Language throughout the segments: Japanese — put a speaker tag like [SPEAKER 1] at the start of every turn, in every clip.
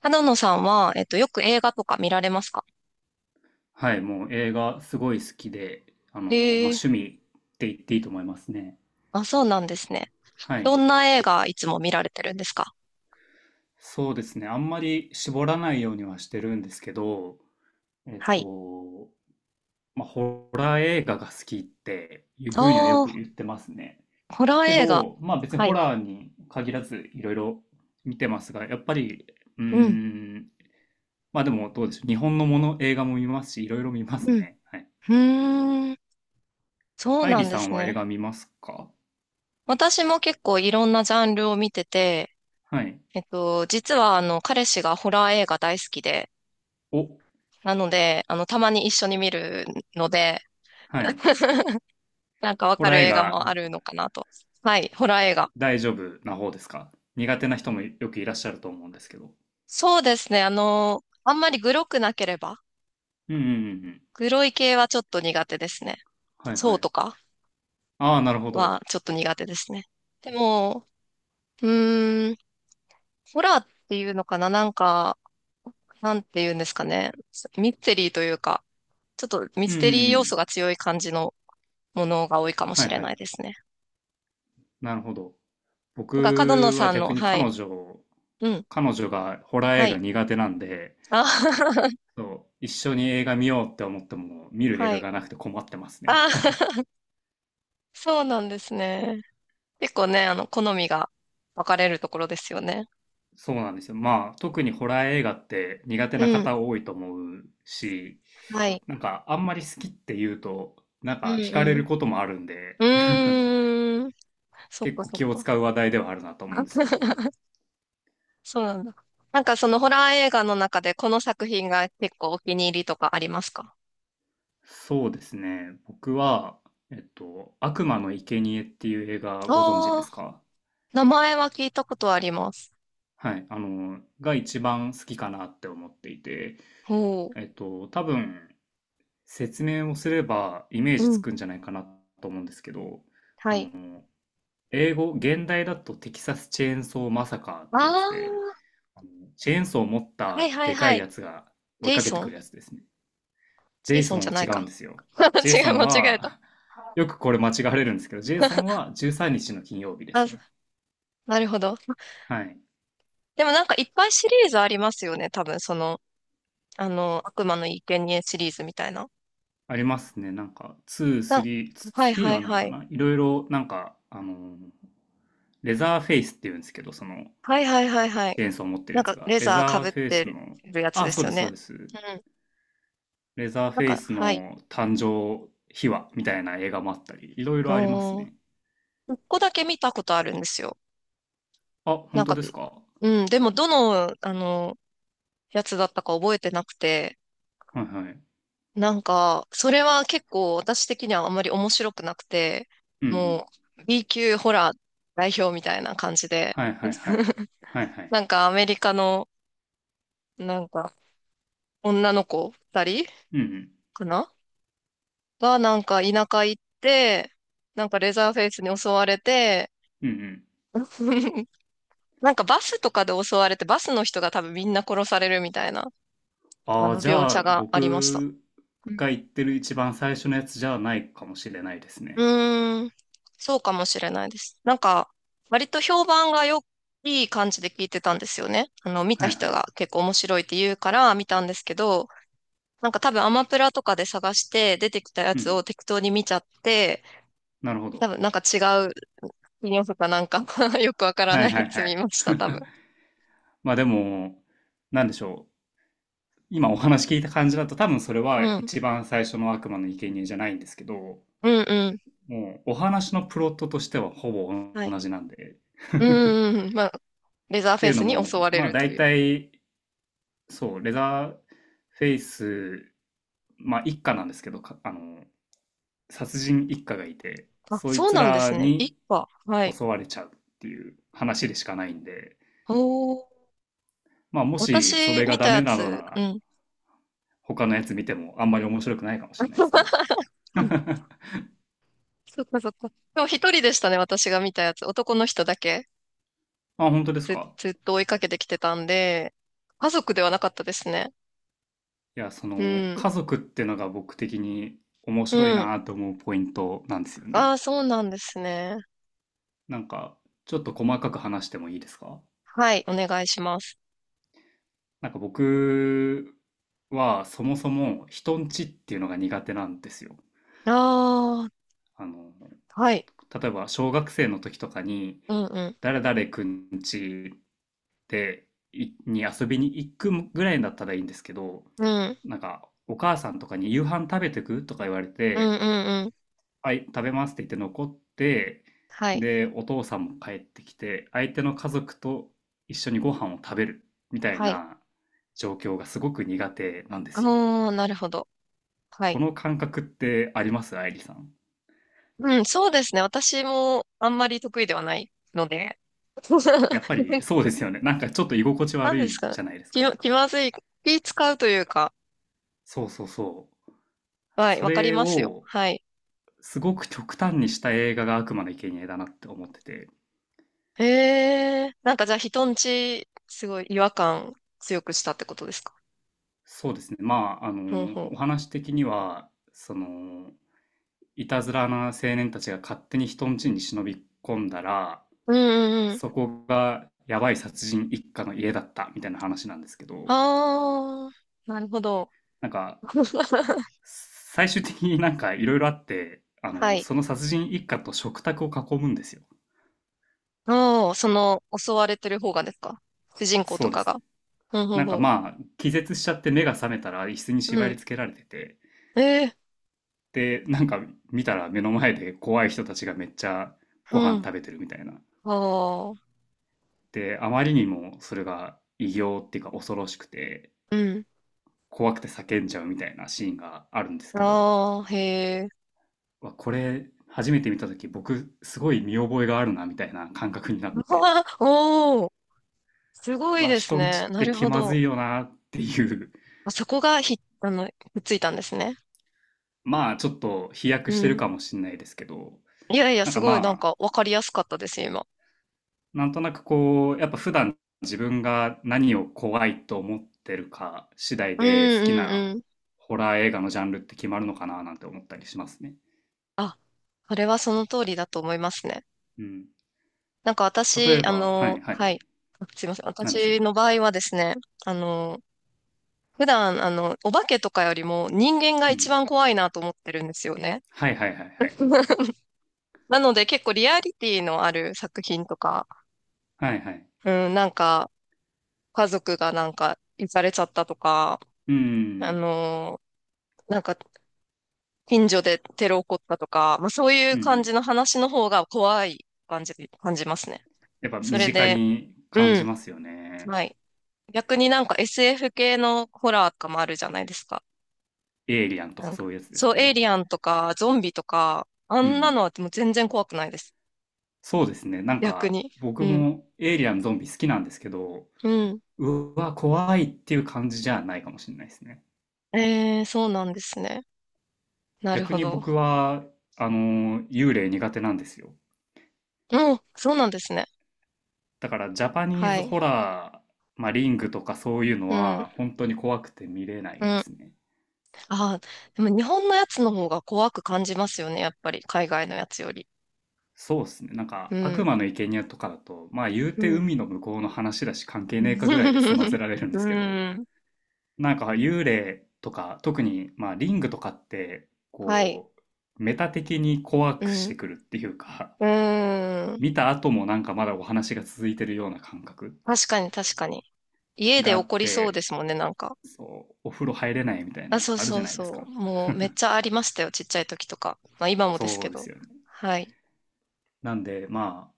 [SPEAKER 1] 花野さんは、よく映画とか見られますか？
[SPEAKER 2] はい、もう映画すごい好きで、
[SPEAKER 1] え
[SPEAKER 2] 趣
[SPEAKER 1] え。
[SPEAKER 2] 味って言っていいと思いますね。
[SPEAKER 1] あ、そうなんですね。
[SPEAKER 2] はい。
[SPEAKER 1] どんな映画いつも見られてるんですか？
[SPEAKER 2] そうですね。あんまり絞らないようにはしてるんですけど、えっ
[SPEAKER 1] はい。
[SPEAKER 2] と、まあ、ホラー映画が好きっていう
[SPEAKER 1] あ
[SPEAKER 2] ふうにはよく言ってますね。
[SPEAKER 1] あ、ホラー
[SPEAKER 2] け
[SPEAKER 1] 映画。
[SPEAKER 2] ど、まあ別に
[SPEAKER 1] は
[SPEAKER 2] ホ
[SPEAKER 1] い。
[SPEAKER 2] ラーに限らずいろいろ見てますが、やっぱり、うー
[SPEAKER 1] うん。
[SPEAKER 2] ん、まあでもどうでしょう。日本のもの、映画も見ますし、いろいろ見ます
[SPEAKER 1] うん。う
[SPEAKER 2] ね。はい。
[SPEAKER 1] ーん。そう
[SPEAKER 2] 愛
[SPEAKER 1] な
[SPEAKER 2] 理
[SPEAKER 1] んで
[SPEAKER 2] さん
[SPEAKER 1] す
[SPEAKER 2] は映
[SPEAKER 1] ね。
[SPEAKER 2] 画見ますか？
[SPEAKER 1] 私も結構いろんなジャンルを見てて、
[SPEAKER 2] はい。
[SPEAKER 1] 実は、彼氏がホラー映画大好きで、
[SPEAKER 2] お、
[SPEAKER 1] なので、たまに一緒に見るので、
[SPEAKER 2] はい。
[SPEAKER 1] なんかわ
[SPEAKER 2] ホ
[SPEAKER 1] か
[SPEAKER 2] ラー
[SPEAKER 1] る
[SPEAKER 2] 映
[SPEAKER 1] 映画
[SPEAKER 2] 画
[SPEAKER 1] もあるのかなと。はい、ホラー映画。
[SPEAKER 2] 大丈夫な方ですか？苦手な人もよくいらっしゃると思うんですけど。
[SPEAKER 1] そうですね。あんまりグロくなければ、
[SPEAKER 2] うんうんうんうん。
[SPEAKER 1] 黒い系はちょっと苦手ですね。
[SPEAKER 2] はい
[SPEAKER 1] そ
[SPEAKER 2] は
[SPEAKER 1] う
[SPEAKER 2] い。
[SPEAKER 1] とか
[SPEAKER 2] ああ、なるほど。
[SPEAKER 1] はちょっと苦手ですね。でも、うーん、ホラーっていうのかな、なんか、なんていうんですかね。ミステリーというか、ちょっとミ
[SPEAKER 2] うん
[SPEAKER 1] ス
[SPEAKER 2] うん
[SPEAKER 1] テリー
[SPEAKER 2] う
[SPEAKER 1] 要素
[SPEAKER 2] ん。
[SPEAKER 1] が強い感じのものが多いかも
[SPEAKER 2] は
[SPEAKER 1] し
[SPEAKER 2] い
[SPEAKER 1] れ
[SPEAKER 2] は
[SPEAKER 1] ない
[SPEAKER 2] い。
[SPEAKER 1] ですね。
[SPEAKER 2] なるほど。
[SPEAKER 1] なんか、角野
[SPEAKER 2] 僕は
[SPEAKER 1] さん
[SPEAKER 2] 逆
[SPEAKER 1] の、
[SPEAKER 2] に
[SPEAKER 1] はい。
[SPEAKER 2] 彼女、
[SPEAKER 1] うん。
[SPEAKER 2] 彼女がホラー
[SPEAKER 1] は
[SPEAKER 2] 映画
[SPEAKER 1] い。
[SPEAKER 2] 苦手なんで、
[SPEAKER 1] あ、
[SPEAKER 2] そう、一緒に映画見ようって思っても見る映
[SPEAKER 1] は
[SPEAKER 2] 画
[SPEAKER 1] い。
[SPEAKER 2] がなくて困ってますね。
[SPEAKER 1] あ、そうなんですね。結構ね、好みが分かれるところですよね。
[SPEAKER 2] そうなんですよ。まあ、特にホラー映画って苦手な
[SPEAKER 1] うん。
[SPEAKER 2] 方多いと思うし、
[SPEAKER 1] はい。
[SPEAKER 2] なんかあんまり好きって言うと、なん
[SPEAKER 1] う
[SPEAKER 2] か惹かれる
[SPEAKER 1] ん
[SPEAKER 2] こともあるんで、
[SPEAKER 1] うん。うーん。そっ
[SPEAKER 2] 結
[SPEAKER 1] か
[SPEAKER 2] 構
[SPEAKER 1] そっ
[SPEAKER 2] 気を
[SPEAKER 1] か。
[SPEAKER 2] 使う話題ではあるなと思うんですけど。
[SPEAKER 1] そうなんだ。なんかそのホラー映画の中でこの作品が結構お気に入りとかありますか？
[SPEAKER 2] そうですね。僕は、悪魔の生贄っていう映画ご存知
[SPEAKER 1] あ
[SPEAKER 2] で
[SPEAKER 1] あ
[SPEAKER 2] すか？
[SPEAKER 1] ー、名前は聞いたことあります。
[SPEAKER 2] はい。が一番好きかなって思っていて、
[SPEAKER 1] ほ
[SPEAKER 2] 多分、説明をすればイメー
[SPEAKER 1] う。う
[SPEAKER 2] ジつ
[SPEAKER 1] ん。
[SPEAKER 2] くんじゃないかなと思うんですけど、
[SPEAKER 1] はい。
[SPEAKER 2] 英語、現代だとテキサスチェーンソーマサカーっ
[SPEAKER 1] あ
[SPEAKER 2] てやつで、
[SPEAKER 1] あ、
[SPEAKER 2] あのチェーンソーを持っ
[SPEAKER 1] はい
[SPEAKER 2] た
[SPEAKER 1] はい
[SPEAKER 2] でか
[SPEAKER 1] は
[SPEAKER 2] い
[SPEAKER 1] い。
[SPEAKER 2] やつが追
[SPEAKER 1] ジ
[SPEAKER 2] い
[SPEAKER 1] ェイ
[SPEAKER 2] かけ
[SPEAKER 1] ソ
[SPEAKER 2] てく
[SPEAKER 1] ン。
[SPEAKER 2] るやつですね。
[SPEAKER 1] ジェイソン
[SPEAKER 2] JSON
[SPEAKER 1] じゃ
[SPEAKER 2] は
[SPEAKER 1] ない
[SPEAKER 2] 違うん
[SPEAKER 1] か。
[SPEAKER 2] ですよ。
[SPEAKER 1] 違う、
[SPEAKER 2] JSON
[SPEAKER 1] 間違えた。
[SPEAKER 2] は、よくこれ間違われるんですけど、JSON は13日の金曜日で
[SPEAKER 1] あ、
[SPEAKER 2] すね。
[SPEAKER 1] なるほど。
[SPEAKER 2] はい。
[SPEAKER 1] でもなんかいっぱいシリーズありますよね。多分その、悪魔の生贄シリーズみたいな。
[SPEAKER 2] ありますね。なんか、2、3、
[SPEAKER 1] なん、はい
[SPEAKER 2] 3
[SPEAKER 1] はい
[SPEAKER 2] はない
[SPEAKER 1] は
[SPEAKER 2] か
[SPEAKER 1] い。
[SPEAKER 2] ないろいろ、なんか、レザーフェイスって言うんですけど、その、
[SPEAKER 1] はいはいはいはい。
[SPEAKER 2] チェーンソーを持って
[SPEAKER 1] な
[SPEAKER 2] る
[SPEAKER 1] ん
[SPEAKER 2] やつ
[SPEAKER 1] か
[SPEAKER 2] が。
[SPEAKER 1] レ
[SPEAKER 2] レ
[SPEAKER 1] ザーか
[SPEAKER 2] ザー
[SPEAKER 1] ぶっ
[SPEAKER 2] フェイス
[SPEAKER 1] て
[SPEAKER 2] の、
[SPEAKER 1] るやつ
[SPEAKER 2] あ、
[SPEAKER 1] で
[SPEAKER 2] そう
[SPEAKER 1] すよ
[SPEAKER 2] です、そう
[SPEAKER 1] ね。
[SPEAKER 2] です。
[SPEAKER 1] うん。
[SPEAKER 2] レザーフ
[SPEAKER 1] なん
[SPEAKER 2] ェイ
[SPEAKER 1] か、
[SPEAKER 2] ス
[SPEAKER 1] はい。
[SPEAKER 2] の誕生秘話みたいな映画もあったり、いろい
[SPEAKER 1] う
[SPEAKER 2] ろあります
[SPEAKER 1] ーん。
[SPEAKER 2] ね。
[SPEAKER 1] 一個だけ見たことあるんですよ。
[SPEAKER 2] あ、
[SPEAKER 1] な
[SPEAKER 2] 本
[SPEAKER 1] ん
[SPEAKER 2] 当
[SPEAKER 1] か、
[SPEAKER 2] ですか？
[SPEAKER 1] うん。でも、どの、やつだったか覚えてなくて、
[SPEAKER 2] はいはい。
[SPEAKER 1] なんか、それは結構私的にはあんまり面白くなくて、
[SPEAKER 2] うんうん。
[SPEAKER 1] もう、B 級ホラー代表みたいな感じで、
[SPEAKER 2] はいはいはい。はいはい。
[SPEAKER 1] なんかアメリカの、なんか、女の子二人
[SPEAKER 2] うんうん。
[SPEAKER 1] かなが、なんか田舎行って、なんかレザーフェイスに襲われて、
[SPEAKER 2] うんうん。
[SPEAKER 1] なんかバスとかで襲われて、バスの人が多分みんな殺されるみたいな、
[SPEAKER 2] ああ、じ
[SPEAKER 1] 描
[SPEAKER 2] ゃ
[SPEAKER 1] 写
[SPEAKER 2] あ、
[SPEAKER 1] がありました。
[SPEAKER 2] 僕
[SPEAKER 1] うん。
[SPEAKER 2] が言ってる一番最初のやつじゃないかもしれないです
[SPEAKER 1] う
[SPEAKER 2] ね。
[SPEAKER 1] ーん、そうかもしれないです。なんか、割と評判がよ、いい感じで聞いてたんですよね。見
[SPEAKER 2] は
[SPEAKER 1] た
[SPEAKER 2] いは
[SPEAKER 1] 人
[SPEAKER 2] い。
[SPEAKER 1] が結構面白いって言うから見たんですけど、なんか多分アマプラとかで探して出てきたや
[SPEAKER 2] う
[SPEAKER 1] つ
[SPEAKER 2] ん。
[SPEAKER 1] を適当に見ちゃって、
[SPEAKER 2] なるほ
[SPEAKER 1] 多
[SPEAKER 2] ど。
[SPEAKER 1] 分なんか違う、金曜日かなんか よくわから
[SPEAKER 2] は
[SPEAKER 1] な
[SPEAKER 2] い
[SPEAKER 1] い
[SPEAKER 2] は
[SPEAKER 1] や
[SPEAKER 2] いは
[SPEAKER 1] つ見
[SPEAKER 2] い。
[SPEAKER 1] ました、多分。
[SPEAKER 2] まあでも、なんでしょう。今お話聞いた感じだと多分それは
[SPEAKER 1] うん。
[SPEAKER 2] 一番最初の悪魔の生贄じゃないんですけど、
[SPEAKER 1] うんうん。
[SPEAKER 2] もうお話のプロットとしてはほぼ
[SPEAKER 1] は
[SPEAKER 2] 同
[SPEAKER 1] い。
[SPEAKER 2] じなんで。
[SPEAKER 1] うん うんうん。まあ、レザー
[SPEAKER 2] って
[SPEAKER 1] フェ
[SPEAKER 2] い
[SPEAKER 1] イ
[SPEAKER 2] うの
[SPEAKER 1] スに
[SPEAKER 2] も、
[SPEAKER 1] 襲われ
[SPEAKER 2] まあ
[SPEAKER 1] ると
[SPEAKER 2] 大
[SPEAKER 1] いう。
[SPEAKER 2] 体、そう、レザーフェイス、まあ一家なんですけど、か殺人一家がいて、
[SPEAKER 1] あ、
[SPEAKER 2] そい
[SPEAKER 1] そう
[SPEAKER 2] つ
[SPEAKER 1] なんで
[SPEAKER 2] ら
[SPEAKER 1] すね。
[SPEAKER 2] に
[SPEAKER 1] 一話。はい。
[SPEAKER 2] 襲われちゃうっていう話でしかないんで、
[SPEAKER 1] おー。
[SPEAKER 2] まあもしそ
[SPEAKER 1] 私
[SPEAKER 2] れが
[SPEAKER 1] 見た
[SPEAKER 2] ダメ
[SPEAKER 1] や
[SPEAKER 2] なのな
[SPEAKER 1] つ、う
[SPEAKER 2] ら、
[SPEAKER 1] ん。
[SPEAKER 2] 他のやつ見てもあんまり面白くないかもしれないですね。
[SPEAKER 1] そっかそっか。でも一人でしたね、私が見たやつ。男の人だけ
[SPEAKER 2] あ、本当です
[SPEAKER 1] ず、
[SPEAKER 2] か？
[SPEAKER 1] ずっと追いかけてきてたんで、家族ではなかったですね。
[SPEAKER 2] いや、そ
[SPEAKER 1] う
[SPEAKER 2] の、
[SPEAKER 1] ん。
[SPEAKER 2] 家族ってのが僕的に面
[SPEAKER 1] う
[SPEAKER 2] 白い
[SPEAKER 1] ん。
[SPEAKER 2] なと思うポイントなんですよ
[SPEAKER 1] あ
[SPEAKER 2] ね。
[SPEAKER 1] あ、そうなんですね。
[SPEAKER 2] なんか、ちょっと細かく話してもいいですか？
[SPEAKER 1] はい、お願いします。
[SPEAKER 2] なんか僕はそもそも人んちっていうのが苦手なんですよ。
[SPEAKER 1] ああ、
[SPEAKER 2] あの、
[SPEAKER 1] はい。
[SPEAKER 2] 例えば小学生の時とかに
[SPEAKER 1] うんうん。
[SPEAKER 2] 誰々くん家でいに遊びに行くぐらいだったらいいんですけど、
[SPEAKER 1] うん。
[SPEAKER 2] なんかお母さんとかに夕飯食べてくとか言われ
[SPEAKER 1] う
[SPEAKER 2] て、
[SPEAKER 1] んうんうん。
[SPEAKER 2] はい食べますって言って残って、
[SPEAKER 1] はい。
[SPEAKER 2] でお父さんも帰ってきて相手の家族と一緒にご飯を食べるみたい
[SPEAKER 1] はい。
[SPEAKER 2] な状況がすごく苦手なんですよ。
[SPEAKER 1] ああ、なるほど。は
[SPEAKER 2] こ
[SPEAKER 1] い。
[SPEAKER 2] の感覚ってあります、愛理さん？
[SPEAKER 1] うん、そうですね。私もあんまり得意ではないので。
[SPEAKER 2] やっぱり そうですよね。なんかちょっと居心地
[SPEAKER 1] 何
[SPEAKER 2] 悪
[SPEAKER 1] です
[SPEAKER 2] い
[SPEAKER 1] か？
[SPEAKER 2] じゃないです
[SPEAKER 1] 気ま、
[SPEAKER 2] か。
[SPEAKER 1] 気まずい。気使うというか。
[SPEAKER 2] そうそうそう。
[SPEAKER 1] はい、
[SPEAKER 2] そ
[SPEAKER 1] わかり
[SPEAKER 2] れ
[SPEAKER 1] ますよ。
[SPEAKER 2] を
[SPEAKER 1] はい。
[SPEAKER 2] すごく極端にした映画が悪魔の生贄だなって思ってて、
[SPEAKER 1] へえ、なんかじゃあ人んち、すごい違和感強くしたってことですか？
[SPEAKER 2] そうですね。まあ、
[SPEAKER 1] ほうほ
[SPEAKER 2] お話的には、その、いたずらな青年たちが勝手に人ん家に忍び込んだら、
[SPEAKER 1] う。うんうんうん。
[SPEAKER 2] そこがやばい殺人一家の家だったみたいな話なんですけど、
[SPEAKER 1] ああ、なるほど。
[SPEAKER 2] なんか、最終的になんかいろいろあって、
[SPEAKER 1] はい。
[SPEAKER 2] その殺人一家と食卓を囲むんですよ。
[SPEAKER 1] おー、その、襲われてる方がですか？主人公と
[SPEAKER 2] そうで
[SPEAKER 1] か
[SPEAKER 2] す
[SPEAKER 1] が。
[SPEAKER 2] ね。
[SPEAKER 1] うん、ほう
[SPEAKER 2] なんか
[SPEAKER 1] ほ
[SPEAKER 2] まあ、気絶しちゃって目が覚めたら椅子に
[SPEAKER 1] う。う
[SPEAKER 2] 縛り
[SPEAKER 1] ん。
[SPEAKER 2] 付けられてて、
[SPEAKER 1] ええ、
[SPEAKER 2] で、なんか見たら目の前で怖い人たちがめっちゃ
[SPEAKER 1] う
[SPEAKER 2] ご飯
[SPEAKER 1] ん。
[SPEAKER 2] 食べてるみたいな。
[SPEAKER 1] ああ、
[SPEAKER 2] で、あまりにもそれが異形っていうか恐ろしくて、
[SPEAKER 1] うん。
[SPEAKER 2] 怖くて叫んじゃうみたいなシーンがあるんですけど、
[SPEAKER 1] ああ、へえ。
[SPEAKER 2] わこれ初めて見た時僕すごい見覚えがあるなみたいな感覚になっ
[SPEAKER 1] う
[SPEAKER 2] て、
[SPEAKER 1] わおお、すごい
[SPEAKER 2] わ、
[SPEAKER 1] です
[SPEAKER 2] 人ん
[SPEAKER 1] ね。
[SPEAKER 2] ちっ
[SPEAKER 1] な
[SPEAKER 2] て
[SPEAKER 1] る
[SPEAKER 2] 気
[SPEAKER 1] ほ
[SPEAKER 2] まず
[SPEAKER 1] ど。
[SPEAKER 2] いよなっていう、
[SPEAKER 1] あ、そこがひ、ひっついたんですね。
[SPEAKER 2] まあちょっと飛躍
[SPEAKER 1] う
[SPEAKER 2] してる
[SPEAKER 1] ん。
[SPEAKER 2] かもしれないですけど、
[SPEAKER 1] いやいや、
[SPEAKER 2] なん
[SPEAKER 1] す
[SPEAKER 2] か
[SPEAKER 1] ごい、なん
[SPEAKER 2] まあ
[SPEAKER 1] か、わかりやすかったです今。
[SPEAKER 2] なんとなくこう、やっぱ普段自分が何を怖いと思ってるか次第
[SPEAKER 1] うん
[SPEAKER 2] で好き
[SPEAKER 1] う
[SPEAKER 2] な
[SPEAKER 1] んうん。
[SPEAKER 2] ホラー映画のジャンルって決まるのかななんて思ったりしますね。
[SPEAKER 1] あ、それはその通りだと思いますね。
[SPEAKER 2] うん。
[SPEAKER 1] なんか
[SPEAKER 2] 例え
[SPEAKER 1] 私、
[SPEAKER 2] ば、はいは
[SPEAKER 1] は
[SPEAKER 2] い。
[SPEAKER 1] い。あ、すいません。
[SPEAKER 2] なんでし
[SPEAKER 1] 私
[SPEAKER 2] ょ
[SPEAKER 1] の場合はですね、あの、普段、お化けとかよりも人間が
[SPEAKER 2] う。う
[SPEAKER 1] 一番
[SPEAKER 2] ん。
[SPEAKER 1] 怖いなと思ってるんですよね。
[SPEAKER 2] はいはいはいはい。
[SPEAKER 1] なので結構リアリティのある作品とか、
[SPEAKER 2] はいはい。
[SPEAKER 1] うん、なんか、家族がなんか、行かれちゃったとか、
[SPEAKER 2] う
[SPEAKER 1] あ
[SPEAKER 2] ん。
[SPEAKER 1] のーなんか、近所でテロ起こったとか、まあそうい
[SPEAKER 2] う
[SPEAKER 1] う
[SPEAKER 2] んう
[SPEAKER 1] 感
[SPEAKER 2] ん。
[SPEAKER 1] じの話の方が怖い感じ、感じますね。
[SPEAKER 2] やっぱ
[SPEAKER 1] そ
[SPEAKER 2] 身
[SPEAKER 1] れ
[SPEAKER 2] 近
[SPEAKER 1] で、
[SPEAKER 2] に
[SPEAKER 1] う
[SPEAKER 2] 感じ
[SPEAKER 1] ん、
[SPEAKER 2] ますよね。
[SPEAKER 1] はい。逆になんか SF 系のホラーとかもあるじゃないですか。
[SPEAKER 2] エイリアンと
[SPEAKER 1] な
[SPEAKER 2] か
[SPEAKER 1] んか
[SPEAKER 2] そういうやつです
[SPEAKER 1] そう、
[SPEAKER 2] か
[SPEAKER 1] エイ
[SPEAKER 2] ね？
[SPEAKER 1] リアンとか、ゾンビとか、あ
[SPEAKER 2] うんう
[SPEAKER 1] んな
[SPEAKER 2] ん。
[SPEAKER 1] のはもう全然怖くないです。
[SPEAKER 2] そうですね。なん
[SPEAKER 1] 逆
[SPEAKER 2] か
[SPEAKER 1] に。う
[SPEAKER 2] 僕
[SPEAKER 1] ん。
[SPEAKER 2] もエイリアンゾンビ好きなんですけど、
[SPEAKER 1] うん。
[SPEAKER 2] うわ、怖いっていう感じじゃないかもしれないですね。
[SPEAKER 1] えー、そうなんですね。なる
[SPEAKER 2] 逆
[SPEAKER 1] ほ
[SPEAKER 2] に
[SPEAKER 1] ど。
[SPEAKER 2] 僕は、幽霊苦手なんですよ。
[SPEAKER 1] うん、そうなんですね。
[SPEAKER 2] だから、ジャパニー
[SPEAKER 1] は
[SPEAKER 2] ズ
[SPEAKER 1] い。
[SPEAKER 2] ホラー、まあ、リングとかそういうの
[SPEAKER 1] うん。
[SPEAKER 2] は、本当に怖くて見れな
[SPEAKER 1] う
[SPEAKER 2] いで
[SPEAKER 1] ん。
[SPEAKER 2] すね。
[SPEAKER 1] ああ、でも日本のやつの方が怖く感じますよね、やっぱり、海外のやつより。
[SPEAKER 2] そうですね。なん
[SPEAKER 1] う
[SPEAKER 2] か、悪
[SPEAKER 1] ん。
[SPEAKER 2] 魔の生贄とかだと、まあ、言う
[SPEAKER 1] う
[SPEAKER 2] て
[SPEAKER 1] ん。
[SPEAKER 2] 海の向こうの話だし、関係ねえかぐらいで済ませ られるん
[SPEAKER 1] う
[SPEAKER 2] ですけど、
[SPEAKER 1] ん。
[SPEAKER 2] なんか、幽霊とか、特に、まあ、リングとかって、
[SPEAKER 1] はい。
[SPEAKER 2] こう、メタ的に怖
[SPEAKER 1] う
[SPEAKER 2] くして
[SPEAKER 1] ん。
[SPEAKER 2] くるっていうか、
[SPEAKER 1] うーん。
[SPEAKER 2] 見た後もなんかまだお話が続いてるような感覚
[SPEAKER 1] 確かに、確かに。家で
[SPEAKER 2] があ
[SPEAKER 1] 起
[SPEAKER 2] っ
[SPEAKER 1] こりそう
[SPEAKER 2] て、
[SPEAKER 1] ですもんね、なんか。
[SPEAKER 2] そう、お風呂入れないみたい
[SPEAKER 1] あ、
[SPEAKER 2] な、
[SPEAKER 1] そう
[SPEAKER 2] あるじ
[SPEAKER 1] そ
[SPEAKER 2] ゃ
[SPEAKER 1] う
[SPEAKER 2] ないです
[SPEAKER 1] そ
[SPEAKER 2] か。
[SPEAKER 1] う。もうめっ ちゃありましたよ、ちっちゃい時とか。まあ今もです
[SPEAKER 2] そ
[SPEAKER 1] け
[SPEAKER 2] うです
[SPEAKER 1] ど。
[SPEAKER 2] よね。
[SPEAKER 1] はい。
[SPEAKER 2] なんで、まあ、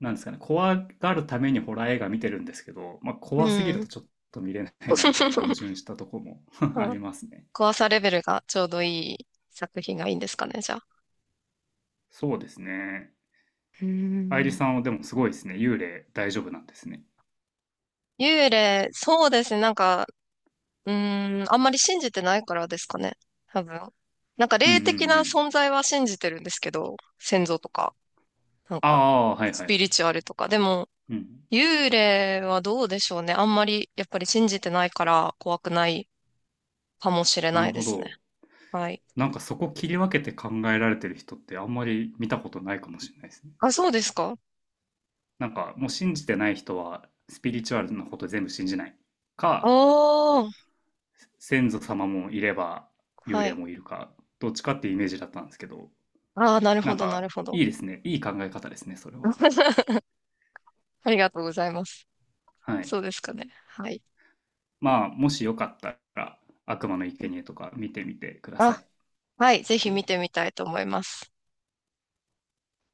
[SPEAKER 2] なんですかね、怖がるためにホラー映画見てるんですけど、まあ、
[SPEAKER 1] う
[SPEAKER 2] 怖すぎると
[SPEAKER 1] ん。
[SPEAKER 2] ちょっと見れないなみたいな矛盾 したとこも あ
[SPEAKER 1] あ、
[SPEAKER 2] りますね。
[SPEAKER 1] 怖さレベルがちょうどいい作品がいいんですかね、じゃあ。
[SPEAKER 2] そうですね。
[SPEAKER 1] うー
[SPEAKER 2] 愛梨
[SPEAKER 1] ん。
[SPEAKER 2] さんはでもすごいですね。幽霊大丈夫なんですね。
[SPEAKER 1] 幽霊、そうですね。なんか、うーん、あんまり信じてないからですかね。多分。なんか
[SPEAKER 2] うんうん
[SPEAKER 1] 霊的
[SPEAKER 2] う
[SPEAKER 1] な
[SPEAKER 2] ん。
[SPEAKER 1] 存在は信じてるんですけど、先祖とか、なん
[SPEAKER 2] あ
[SPEAKER 1] か、
[SPEAKER 2] あ、はい
[SPEAKER 1] ス
[SPEAKER 2] はいは
[SPEAKER 1] ピリ
[SPEAKER 2] い。
[SPEAKER 1] チュアルとか。でも、
[SPEAKER 2] うん。
[SPEAKER 1] 幽霊はどうでしょうね。あんまり、やっぱり信じてないから怖くないかもしれ
[SPEAKER 2] な
[SPEAKER 1] な
[SPEAKER 2] る
[SPEAKER 1] いで
[SPEAKER 2] ほ
[SPEAKER 1] すね。
[SPEAKER 2] ど。
[SPEAKER 1] はい。
[SPEAKER 2] なんかそこ切り分けて考えられてる人ってあんまり見たことないかもしれないですね。
[SPEAKER 1] あ、そうですか？
[SPEAKER 2] なんかもう信じてない人はスピリチュアルなこと全部信じないか、
[SPEAKER 1] おー。
[SPEAKER 2] 先祖様もいれば幽
[SPEAKER 1] は
[SPEAKER 2] 霊
[SPEAKER 1] い。
[SPEAKER 2] もいるか、どっちかっていうイメージだったんですけど、
[SPEAKER 1] ああ、なる
[SPEAKER 2] な
[SPEAKER 1] ほ
[SPEAKER 2] ん
[SPEAKER 1] ど、なる
[SPEAKER 2] か
[SPEAKER 1] ほど。
[SPEAKER 2] いいですね、いい考え方ですねそれは。
[SPEAKER 1] ありがとうございます。
[SPEAKER 2] はい。
[SPEAKER 1] そうですかね。はい。
[SPEAKER 2] まあもしよかったら悪魔の
[SPEAKER 1] う
[SPEAKER 2] 生
[SPEAKER 1] ん、
[SPEAKER 2] 贄とか見てみてくださ
[SPEAKER 1] あ、
[SPEAKER 2] い。
[SPEAKER 1] はい。ぜひ見てみたいと思います。